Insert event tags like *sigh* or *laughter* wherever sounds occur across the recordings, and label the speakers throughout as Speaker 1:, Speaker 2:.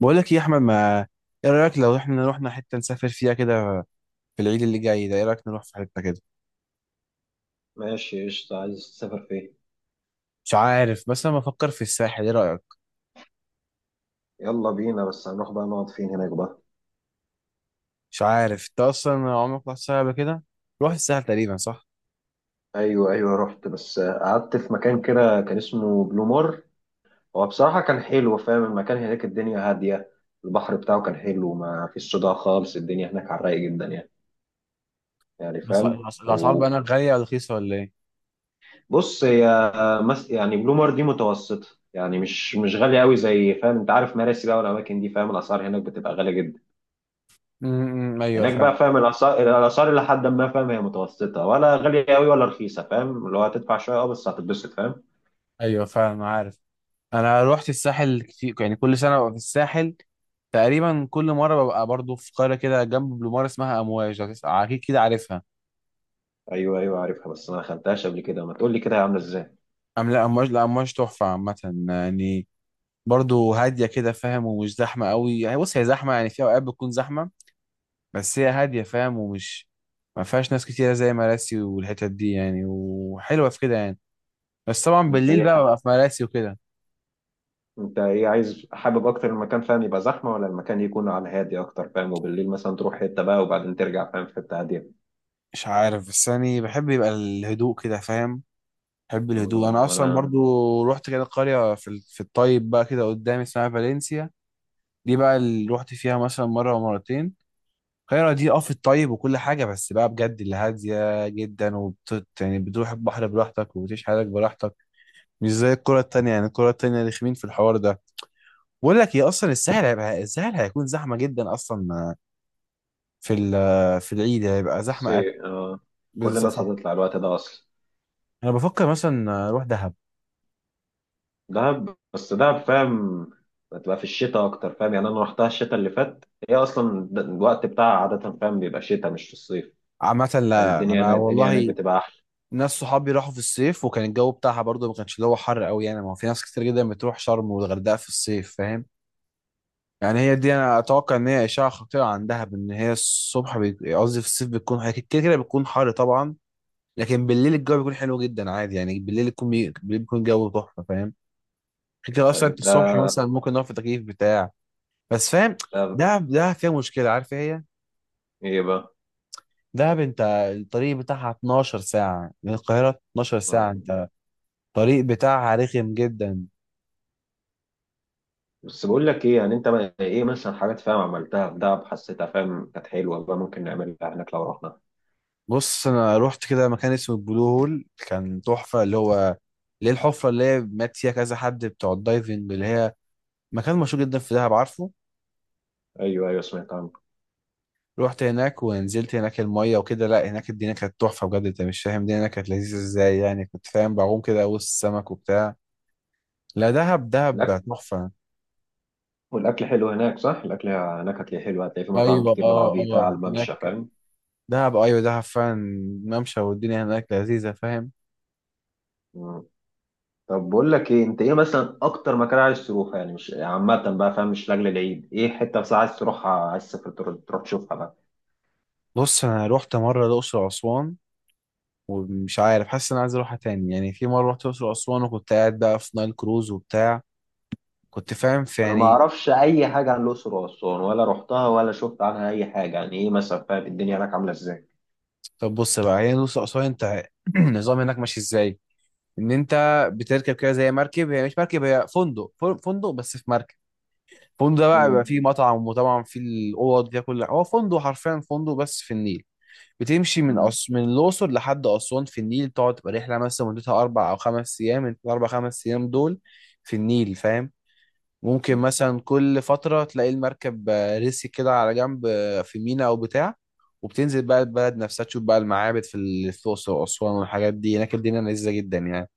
Speaker 1: بقول لك يا احمد ما ايه رايك لو احنا رحنا حته نسافر فيها كده في العيد اللي جاي ده، ايه رايك نروح في حته كده.
Speaker 2: ماشي، قشطة. عايز تسافر فين؟
Speaker 1: مش عارف، بس انا بفكر في الساحل، ايه رايك.
Speaker 2: يلا بينا، بس هنروح بقى نقعد فين هناك بقى؟
Speaker 1: مش عارف انت اصلا عمرك رحت الساحل قبل كده. روح الساحل تقريبا صح.
Speaker 2: ايوه، ايوه، رحت، بس قعدت في مكان كده كان اسمه بلومار. هو بصراحة كان حلو، فاهم؟ المكان هناك الدنيا هادية، البحر بتاعه كان حلو، ما فيش صداع خالص، الدنيا هناك على الرايق جدا، يعني يعني فاهم؟
Speaker 1: الاسعار بقى
Speaker 2: وبص،
Speaker 1: هناك غاليه ولا رخيصه ولا ايه.
Speaker 2: هي يعني بلومار دي متوسطة، يعني مش غالية قوي زي، فاهم؟ انت عارف مراسي بقى والاماكن دي، فاهم؟ الاسعار هناك بتبقى غالية جدا.
Speaker 1: ايوه
Speaker 2: هناك بقى،
Speaker 1: فعلا.
Speaker 2: فاهم؟ الاسعار الى حد ما، فاهم؟ هي متوسطه ولا غاليه قوي ولا رخيصه، فاهم؟ اللي هو هتدفع شويه، اه، بس هتتبسط، فاهم؟
Speaker 1: ايوه فعلا عارف. انا روحت الساحل كتير، يعني كل سنه ببقى في الساحل. تقريبا كل مره ببقى برضو في قريه كده جنب بلومار اسمها امواج، اكيد كده عارفها.
Speaker 2: ايوه، ايوه، عارفها، بس انا ما دخلتهاش قبل كده. ما تقول لي كده هي عامله ازاي؟
Speaker 1: لا امواج، لا امواج تحفه عامه، يعني برضه هاديه كده فاهم، ومش زحمه قوي، يعني بص هي زحمه يعني في اوقات بتكون زحمه. بس هي هاديه فاهم، ما فيهاش ناس كتيره زي مراسي والحتت دي يعني، وحلوه في كده يعني. بس طبعا
Speaker 2: انت
Speaker 1: بالليل
Speaker 2: ايه
Speaker 1: بقى ببقى
Speaker 2: ح-
Speaker 1: في مراسي وكده.
Speaker 2: انت ايه عايز؟ حابب اكتر المكان، فاهم، يبقى زحمه، ولا المكان يكون على هادي اكتر، فاهم؟ وبالليل مثلا تروح حته بقى وبعدين ترجع، فاهم، في حته هاديه.
Speaker 1: مش عارف، بس يعني بحب يبقى الهدوء كده فاهم. بحب الهدوء انا اصلا
Speaker 2: وانا
Speaker 1: برضو. رحت كده قريه في الطيب بقى كده قدامي اسمها فالنسيا. دي بقى اللي رحت فيها مثلا مره ومرتين. القاهرة دي اه في الطيب وكل حاجة، بس بقى بجد اللي هادية جدا يعني بتروح البحر براحتك وبتعيش حياتك براحتك. مش زي الكرة التانية، يعني الكرة التانية رخمين في الحوار ده. بقول لك ايه، اصلا الساحل هيبقى، الساحل هيكون زحمة جدا اصلا. في ال- آه، في العيد هيبقى زحمة اكل.
Speaker 2: بصي، كل
Speaker 1: بالظبط.
Speaker 2: الناس هتطلع الوقت ده اصلا.
Speaker 1: انا بفكر مثلا اروح دهب.
Speaker 2: دهب؟ بس دهب، فاهم، بتبقى في الشتاء اكتر، فاهم؟ يعني انا رحتها الشتاء اللي فات، هي اصلا الوقت بتاعها عاده، فاهم، بيبقى شتاء مش في الصيف،
Speaker 1: عامة
Speaker 2: فاهم؟
Speaker 1: لا
Speaker 2: الدنيا
Speaker 1: انا
Speaker 2: هناك الدنيا هناك
Speaker 1: والله،
Speaker 2: بتبقى احلى.
Speaker 1: ناس صحابي راحوا في الصيف وكان الجو بتاعها برضه ما كانش اللي هو حر قوي يعني. ما هو في ناس كتير جدا بتروح شرم والغردقة في الصيف فاهم. يعني هي دي، انا اتوقع ان هي اشعه خطيره عندها، بان هي قصدي في الصيف بتكون هي كده كده بتكون حر طبعا. لكن بالليل الجو بيكون حلو جدا عادي يعني، بالليل بيكون الجو تحفه فاهم. كده كده اصلا
Speaker 2: فانت
Speaker 1: الصبح مثلا ممكن نقف في تكييف بتاع، بس فاهم.
Speaker 2: دهب؟
Speaker 1: ده فيها مشكله، عارف إيه هي.
Speaker 2: ايه بقى؟
Speaker 1: دهب انت، الطريق بتاعها 12 ساعه من القاهره، 12 ساعه
Speaker 2: آه.
Speaker 1: انت. الطريق بتاعها رخم جدا.
Speaker 2: بس بقول لك ايه، يعني انت ايه مثلا حاجات، فاهم، عملتها في دهب حسيتها، فاهم، كانت حلوه بقى ممكن نعملها هناك لو رحنا؟
Speaker 1: بص انا رحت كده مكان اسمه البلو هول، كان تحفه، اللي هو اللي هي الحفره اللي هي مات فيها كذا حد بتوع الدايفنج، اللي هي مكان مشهور جدا في دهب عارفه.
Speaker 2: ايوه، ايوه، سمعت عنه.
Speaker 1: رحت هناك ونزلت هناك الميه وكده. لا هناك الدنيا كانت تحفه بجد، انت مش فاهم الدنيا هناك كانت لذيذه ازاي، يعني كنت فاهم بعوم كده وسط السمك وبتاع. لا، دهب
Speaker 2: الاكل،
Speaker 1: دهب تحفه.
Speaker 2: والاكل حلو هناك، صح؟ الاكل هناك هتلاقيه حلو، هتلاقي في مطاعم
Speaker 1: ايوه
Speaker 2: كتير
Speaker 1: اه
Speaker 2: بالعربيه على
Speaker 1: اه
Speaker 2: الممشى،
Speaker 1: هناك،
Speaker 2: فاهم؟
Speaker 1: دهب، ايوه دهب فعلا. ممشى، والدنيا هناك لذيذه فاهم.
Speaker 2: طب بقول لك ايه، انت ايه مثلا اكتر مكان عايز تروحه؟ يعني مش عامه بقى، فاهم، مش لاجل العيد. ايه حته بس عايز تروحها، عايز تسافر تروح تشوفها بقى؟
Speaker 1: بص انا رحت مره الاقصر واسوان، ومش عارف حاسس ان انا عايز اروحها تاني. يعني في مره رحت الاقصر واسوان وكنت قاعد بقى في نايل كروز وبتاع، كنت فاهم في
Speaker 2: انا ما
Speaker 1: يعني.
Speaker 2: اعرفش اي حاجه عن الاقصر واسوان، ولا رحتها ولا شفت عنها اي حاجه. يعني ايه مثلا، فاهم، الدنيا هناك عامله ازاي؟
Speaker 1: طب بص بقى هي الاقصر واسوان، انت *clears throat* النظام هناك ماشي ازاي. ان انت بتركب كده زي مركب، هي مش مركب، هي فندق، فندق بس في مركب. الفندق ده بقى بيبقى
Speaker 2: مم.
Speaker 1: فيه مطعم، وطبعا فيه الاوض فيها كل، هو فندق حرفيا، فندق بس في النيل. بتمشي
Speaker 2: مم.
Speaker 1: من الاقصر لحد اسوان في النيل، تقعد تبقى رحله مثلا مدتها اربع او خمس ايام، انت الاربع خمس ايام دول في النيل فاهم. ممكن
Speaker 2: مم.
Speaker 1: مثلا كل فترة تلاقي المركب رسي كده على جنب في ميناء أو بتاع، وبتنزل بقى البلد نفسها تشوف بقى المعابد في الأقصر وأسوان والحاجات دي. هناك الدنيا لذيذة جدا يعني.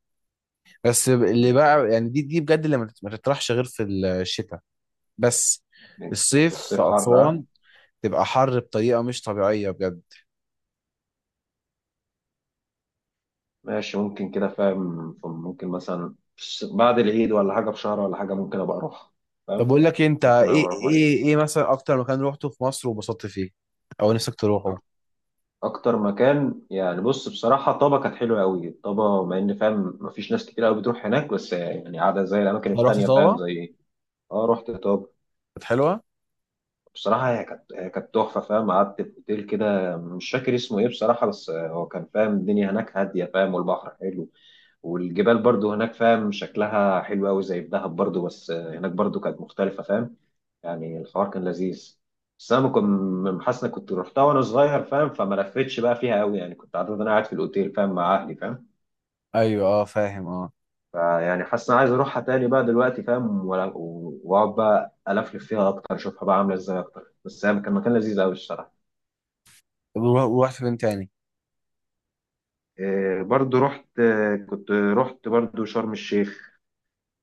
Speaker 1: اللي بقى يعني، دي بجد اللي ما تطرحش غير في الشتاء. بس
Speaker 2: مم.
Speaker 1: الصيف
Speaker 2: الصيف
Speaker 1: في
Speaker 2: حر،
Speaker 1: أسوان
Speaker 2: ها.
Speaker 1: تبقى حر بطريقة مش طبيعية بجد.
Speaker 2: ماشي، ممكن كده، فاهم، ممكن مثلا بعد العيد ولا حاجه، بشهر ولا حاجه، ممكن ابقى اروح،
Speaker 1: طب
Speaker 2: فاهم.
Speaker 1: أقول لك إيه، أنت
Speaker 2: ممكن ابقى اروح مع عيلتي.
Speaker 1: إيه مثلا أكتر مكان روحته في مصر وبسطت فيه أو نفسك تروحه؟
Speaker 2: اكتر مكان، يعني بص، بصراحه طابا كانت حلوه قوي. طابا، مع ان فاهم مفيش ناس كتير قوي بتروح هناك، بس يعني قاعده زي الاماكن
Speaker 1: أنا رحت
Speaker 2: التانيه، فاهم،
Speaker 1: طابة.
Speaker 2: زي ايه. اه، رحت طابا.
Speaker 1: كانت حلوة؟
Speaker 2: بصراحه هي كانت، هي كانت تحفه، فاهم. قعدت في اوتيل كده، مش فاكر اسمه ايه بصراحه، بس هو كان، فاهم، الدنيا هناك هاديه، فاهم، والبحر حلو، والجبال برضو هناك، فاهم، شكلها حلو قوي زي في دهب برضو، بس هناك برضو كانت مختلفة، فاهم. يعني الحوار كان لذيذ. بس انا كنت حاسس إني كنت رحتها وانا صغير، فاهم، فما لفتش بقى فيها قوي، يعني كنت عارف إن انا قاعد في الاوتيل، فاهم، مع اهلي، فاهم.
Speaker 1: أيوه أه فاهم أه.
Speaker 2: فيعني حاسس إني عايز اروحها تاني بقى دلوقتي، فاهم، واقعد بقى الفلف فيها اكتر، اشوفها بقى عامله ازاي اكتر. بس هي كان مكان لذيذ قوي الصراحه.
Speaker 1: طب ورحت فين تاني؟
Speaker 2: إيه، برضو رحت، كنت رحت برضو شرم الشيخ.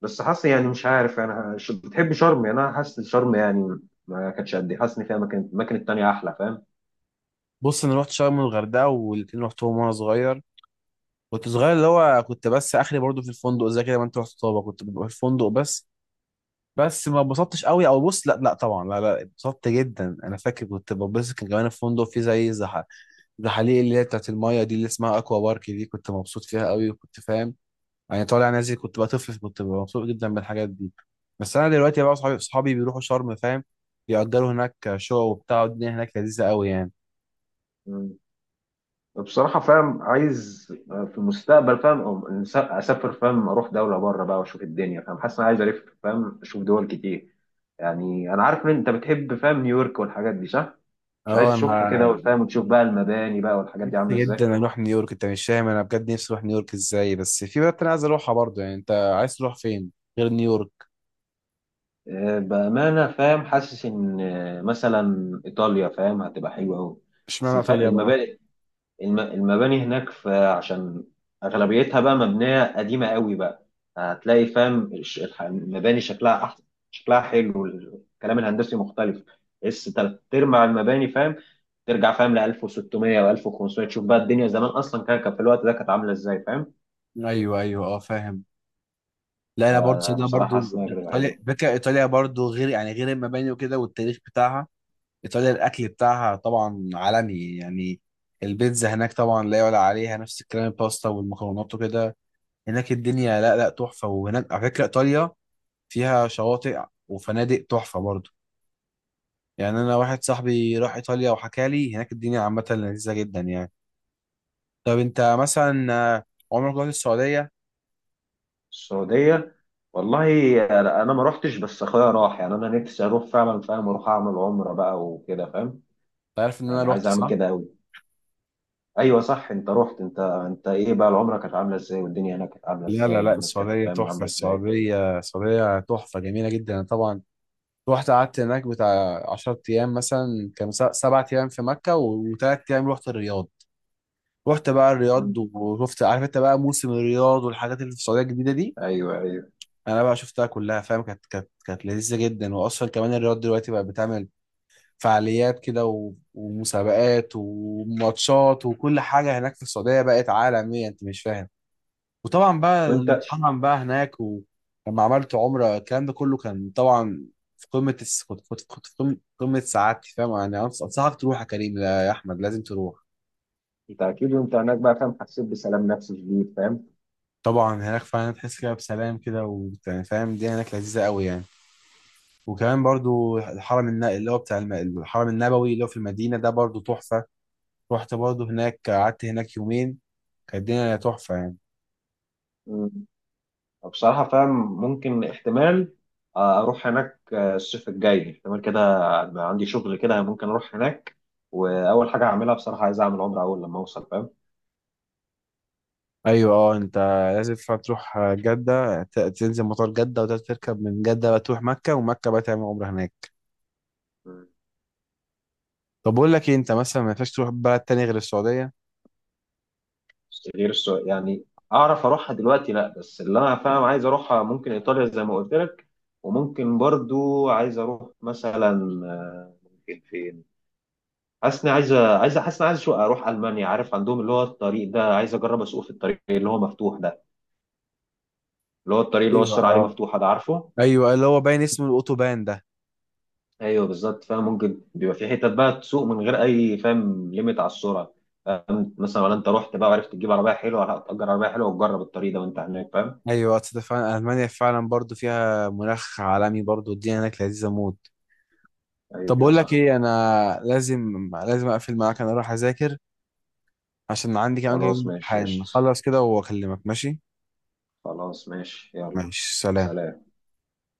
Speaker 2: بس حاسس، يعني مش عارف، انا بتحب شرم؟ يعني انا حاسس شرم يعني ما كانتش قد ايه. حاسس ان فيها مكان، الاماكن التانية احلى، فاهم.
Speaker 1: بص انا رحت شرم والغردقه والاتنين رحتهم وانا صغير. كنت صغير، اللي هو كنت بس اخري برضو في الفندق زي كده، ما انت رحت طابا كنت ببقى في الفندق بس. بس ما اتبسطتش قوي او بص، لا لا طبعا، لا لا اتبسطت جدا. انا فاكر كنت ببص، كان كمان الفندق فيه زحاليق اللي هي بتاعت المايه دي اللي اسمها اكوا بارك دي، كنت مبسوط فيها قوي وكنت فاهم، يعني طالع نازل. كنت بقى طفل، كنت ببقى مبسوط جدا بالحاجات دي. بس انا دلوقتي بقى صحابي بيروحوا شرم فاهم، بيأجروا هناك شقق وبتاع والدنيا هناك لذيذه قوي يعني.
Speaker 2: مم. بصراحة فاهم عايز في المستقبل، فاهم، اسافر، فاهم، اروح دولة بره بقى واشوف الدنيا، فاهم. حاسس ان انا عايز الف، فاهم، اشوف دول كتير. يعني انا عارف ان انت بتحب، فاهم، نيويورك والحاجات دي، صح؟ مش عايز
Speaker 1: اه انا
Speaker 2: تشوفها كده، وفاهم، وتشوف بقى المباني بقى والحاجات دي عاملة
Speaker 1: نفسي
Speaker 2: ازاي؟
Speaker 1: جدا اروح نيويورك، انت مش فاهم انا بجد نفسي اروح نيويورك ازاي. بس في بلد انا عايز اروحها برضه، يعني انت عايز تروح فين غير نيويورك.
Speaker 2: بأمانة، فاهم، حاسس إن مثلا إيطاليا، فاهم، هتبقى حلوة أوي. بس
Speaker 1: اشمعنى ايطاليا بقى.
Speaker 2: المباني، المباني هناك، في عشان اغلبيتها بقى مبنيه قديمه قوي بقى، هتلاقي، فاهم، المباني شكلها احسن، شكلها حلو، الكلام الهندسي مختلف. اس تلات ارباع المباني، فاهم، ترجع، فاهم، ل 1600 و1500، تشوف بقى الدنيا زمان اصلا كان في الوقت ده كانت عامله ازاي، فاهم.
Speaker 1: ايوه ايوه اه فاهم. لا انا برضه انا
Speaker 2: بصراحه حاسس
Speaker 1: برضه
Speaker 2: انها تجربه حلوه.
Speaker 1: ايطاليا برضه غير يعني، غير المباني وكده والتاريخ بتاعها. ايطاليا الاكل بتاعها طبعا عالمي يعني. البيتزا هناك طبعا لا يعلى عليها، نفس الكلام الباستا والمكرونات وكده. هناك الدنيا لا، تحفه. وهناك على فكره ايطاليا فيها شواطئ وفنادق تحفه برضه، يعني انا واحد صاحبي راح ايطاليا وحكى لي هناك الدنيا عامه لذيذه جدا يعني. طب انت مثلا عمرك رحت السعوديه انت.
Speaker 2: السعوديه؟ والله انا ما روحتش، بس اخويا راح. يعني انا نفسي اروح فعلا، فاهم، اروح اعمل عمره بقى وكده، فاهم.
Speaker 1: عارف ان انا
Speaker 2: يعني
Speaker 1: رحت
Speaker 2: عايز اعمل
Speaker 1: صح.
Speaker 2: كده قوي. ايوه صح، انت رحت. انت، انت ايه بقى العمره كانت عامله ازاي، والدنيا هناك كانت عامله
Speaker 1: لا لا
Speaker 2: ازاي،
Speaker 1: لا
Speaker 2: والناس كانت،
Speaker 1: السعوديه
Speaker 2: فاهم،
Speaker 1: تحفه،
Speaker 2: عامله ازاي؟
Speaker 1: السعوديه تحفه جميله جدا. أنا طبعا رحت قعدت هناك بتاع 10 ايام، مثلا كان 7 ايام في مكه وثلاث ايام رحت الرياض. رحت بقى الرياض
Speaker 2: مم.
Speaker 1: وشفت، عارف انت بقى موسم الرياض والحاجات اللي في السعوديه الجديده دي.
Speaker 2: ايوه، ايوه.
Speaker 1: انا بقى شفتها كلها فاهم، كانت لذيذه جدا. واصلا كمان الرياض دلوقتي بقى بتعمل فعاليات كده ومسابقات وماتشات وكل حاجة. هناك في السعودية بقت عالمية، انت مش فاهم. وطبعا بقى
Speaker 2: وانت،
Speaker 1: الحرم بقى هناك، ولما عملت عمرة الكلام ده كله، كان طبعا كنت في قمة سعادتي فاهم يعني. أنصحك تروح يا كريم، لا يا أحمد، لازم تروح.
Speaker 2: انت اكيد وانت هناك بقى، فاهم، حسيت بسلام نفسي شديد، فاهم.
Speaker 1: طبعا هناك فعلا تحس كده بسلام كده وفاهم، الدنيا هناك لذيذة قوي يعني. وكمان برضو اللي هو بتاع الم- الحرم النبوي اللي هو في المدينة ده برضو تحفة. رحت برضه هناك، قعدت هناك يومين، كانت الدنيا تحفة يعني.
Speaker 2: مم. بصراحه فاهم ممكن احتمال اروح هناك، الصيف الجاي احتمال كده، بقى عندي شغل كده ممكن اروح هناك. واول حاجه هعملها بصراحه، عايز اعمل عمره اول لما اوصل،
Speaker 1: أيوة أه أنت لازم تروح جدة، تنزل مطار جدة وتركب من جدة بقى تروح مكة، ومكة بقى تعمل عمرة هناك.
Speaker 2: فاهم.
Speaker 1: طب بقول لك إيه، أنت مثلا ما ينفعش تروح بلد تاني غير السعودية.
Speaker 2: غير السعودية؟ يعني اعرف اروحها دلوقتي، لا، بس اللي انا، فاهم، عايز اروحها ممكن ايطاليا زي ما قلت لك، وممكن برضو عايز اروح مثلا، ممكن فين. حاسس اني عايز، حاسس اني عايز اروح المانيا. عارف عندهم اللي هو الطريق ده، عايز اجرب اسوق في الطريق اللي هو مفتوح ده، اللي هو الطريق اللي هو
Speaker 1: ايوه
Speaker 2: السرعه عليه
Speaker 1: اه.
Speaker 2: مفتوحه ده، عارفه؟
Speaker 1: أيوة اللي هو باين اسمه الأوتوبان ده.
Speaker 2: ايوه بالظبط، فاهم، ممكن بيبقى في حتت بقى تسوق من غير اي، فاهم، ليميت على السرعه، فاهم. مثلا، ولا انت رحت بقى وعرفت تجيب عربيه حلوه، لا تأجر عربيه حلوه وتجرب الطريق ده وانت هناك، فاهم.
Speaker 1: أيوة أصل ده فعلا ألمانيا فعلا برضه فيها مناخ عالمي برضه، الدنيا هناك لذيذة موت. طب
Speaker 2: ايوه
Speaker 1: بقول لك
Speaker 2: صح.
Speaker 1: إيه، أنا لازم أقفل معاك، أنا أروح أذاكر عشان عندي كمان كام يوم
Speaker 2: خلاص، ماشي،
Speaker 1: امتحان،
Speaker 2: قشطة.
Speaker 1: أخلص كده وأكلمك ماشي.
Speaker 2: خلاص، ماشي، يلا.
Speaker 1: ماشي سلام.
Speaker 2: سلام.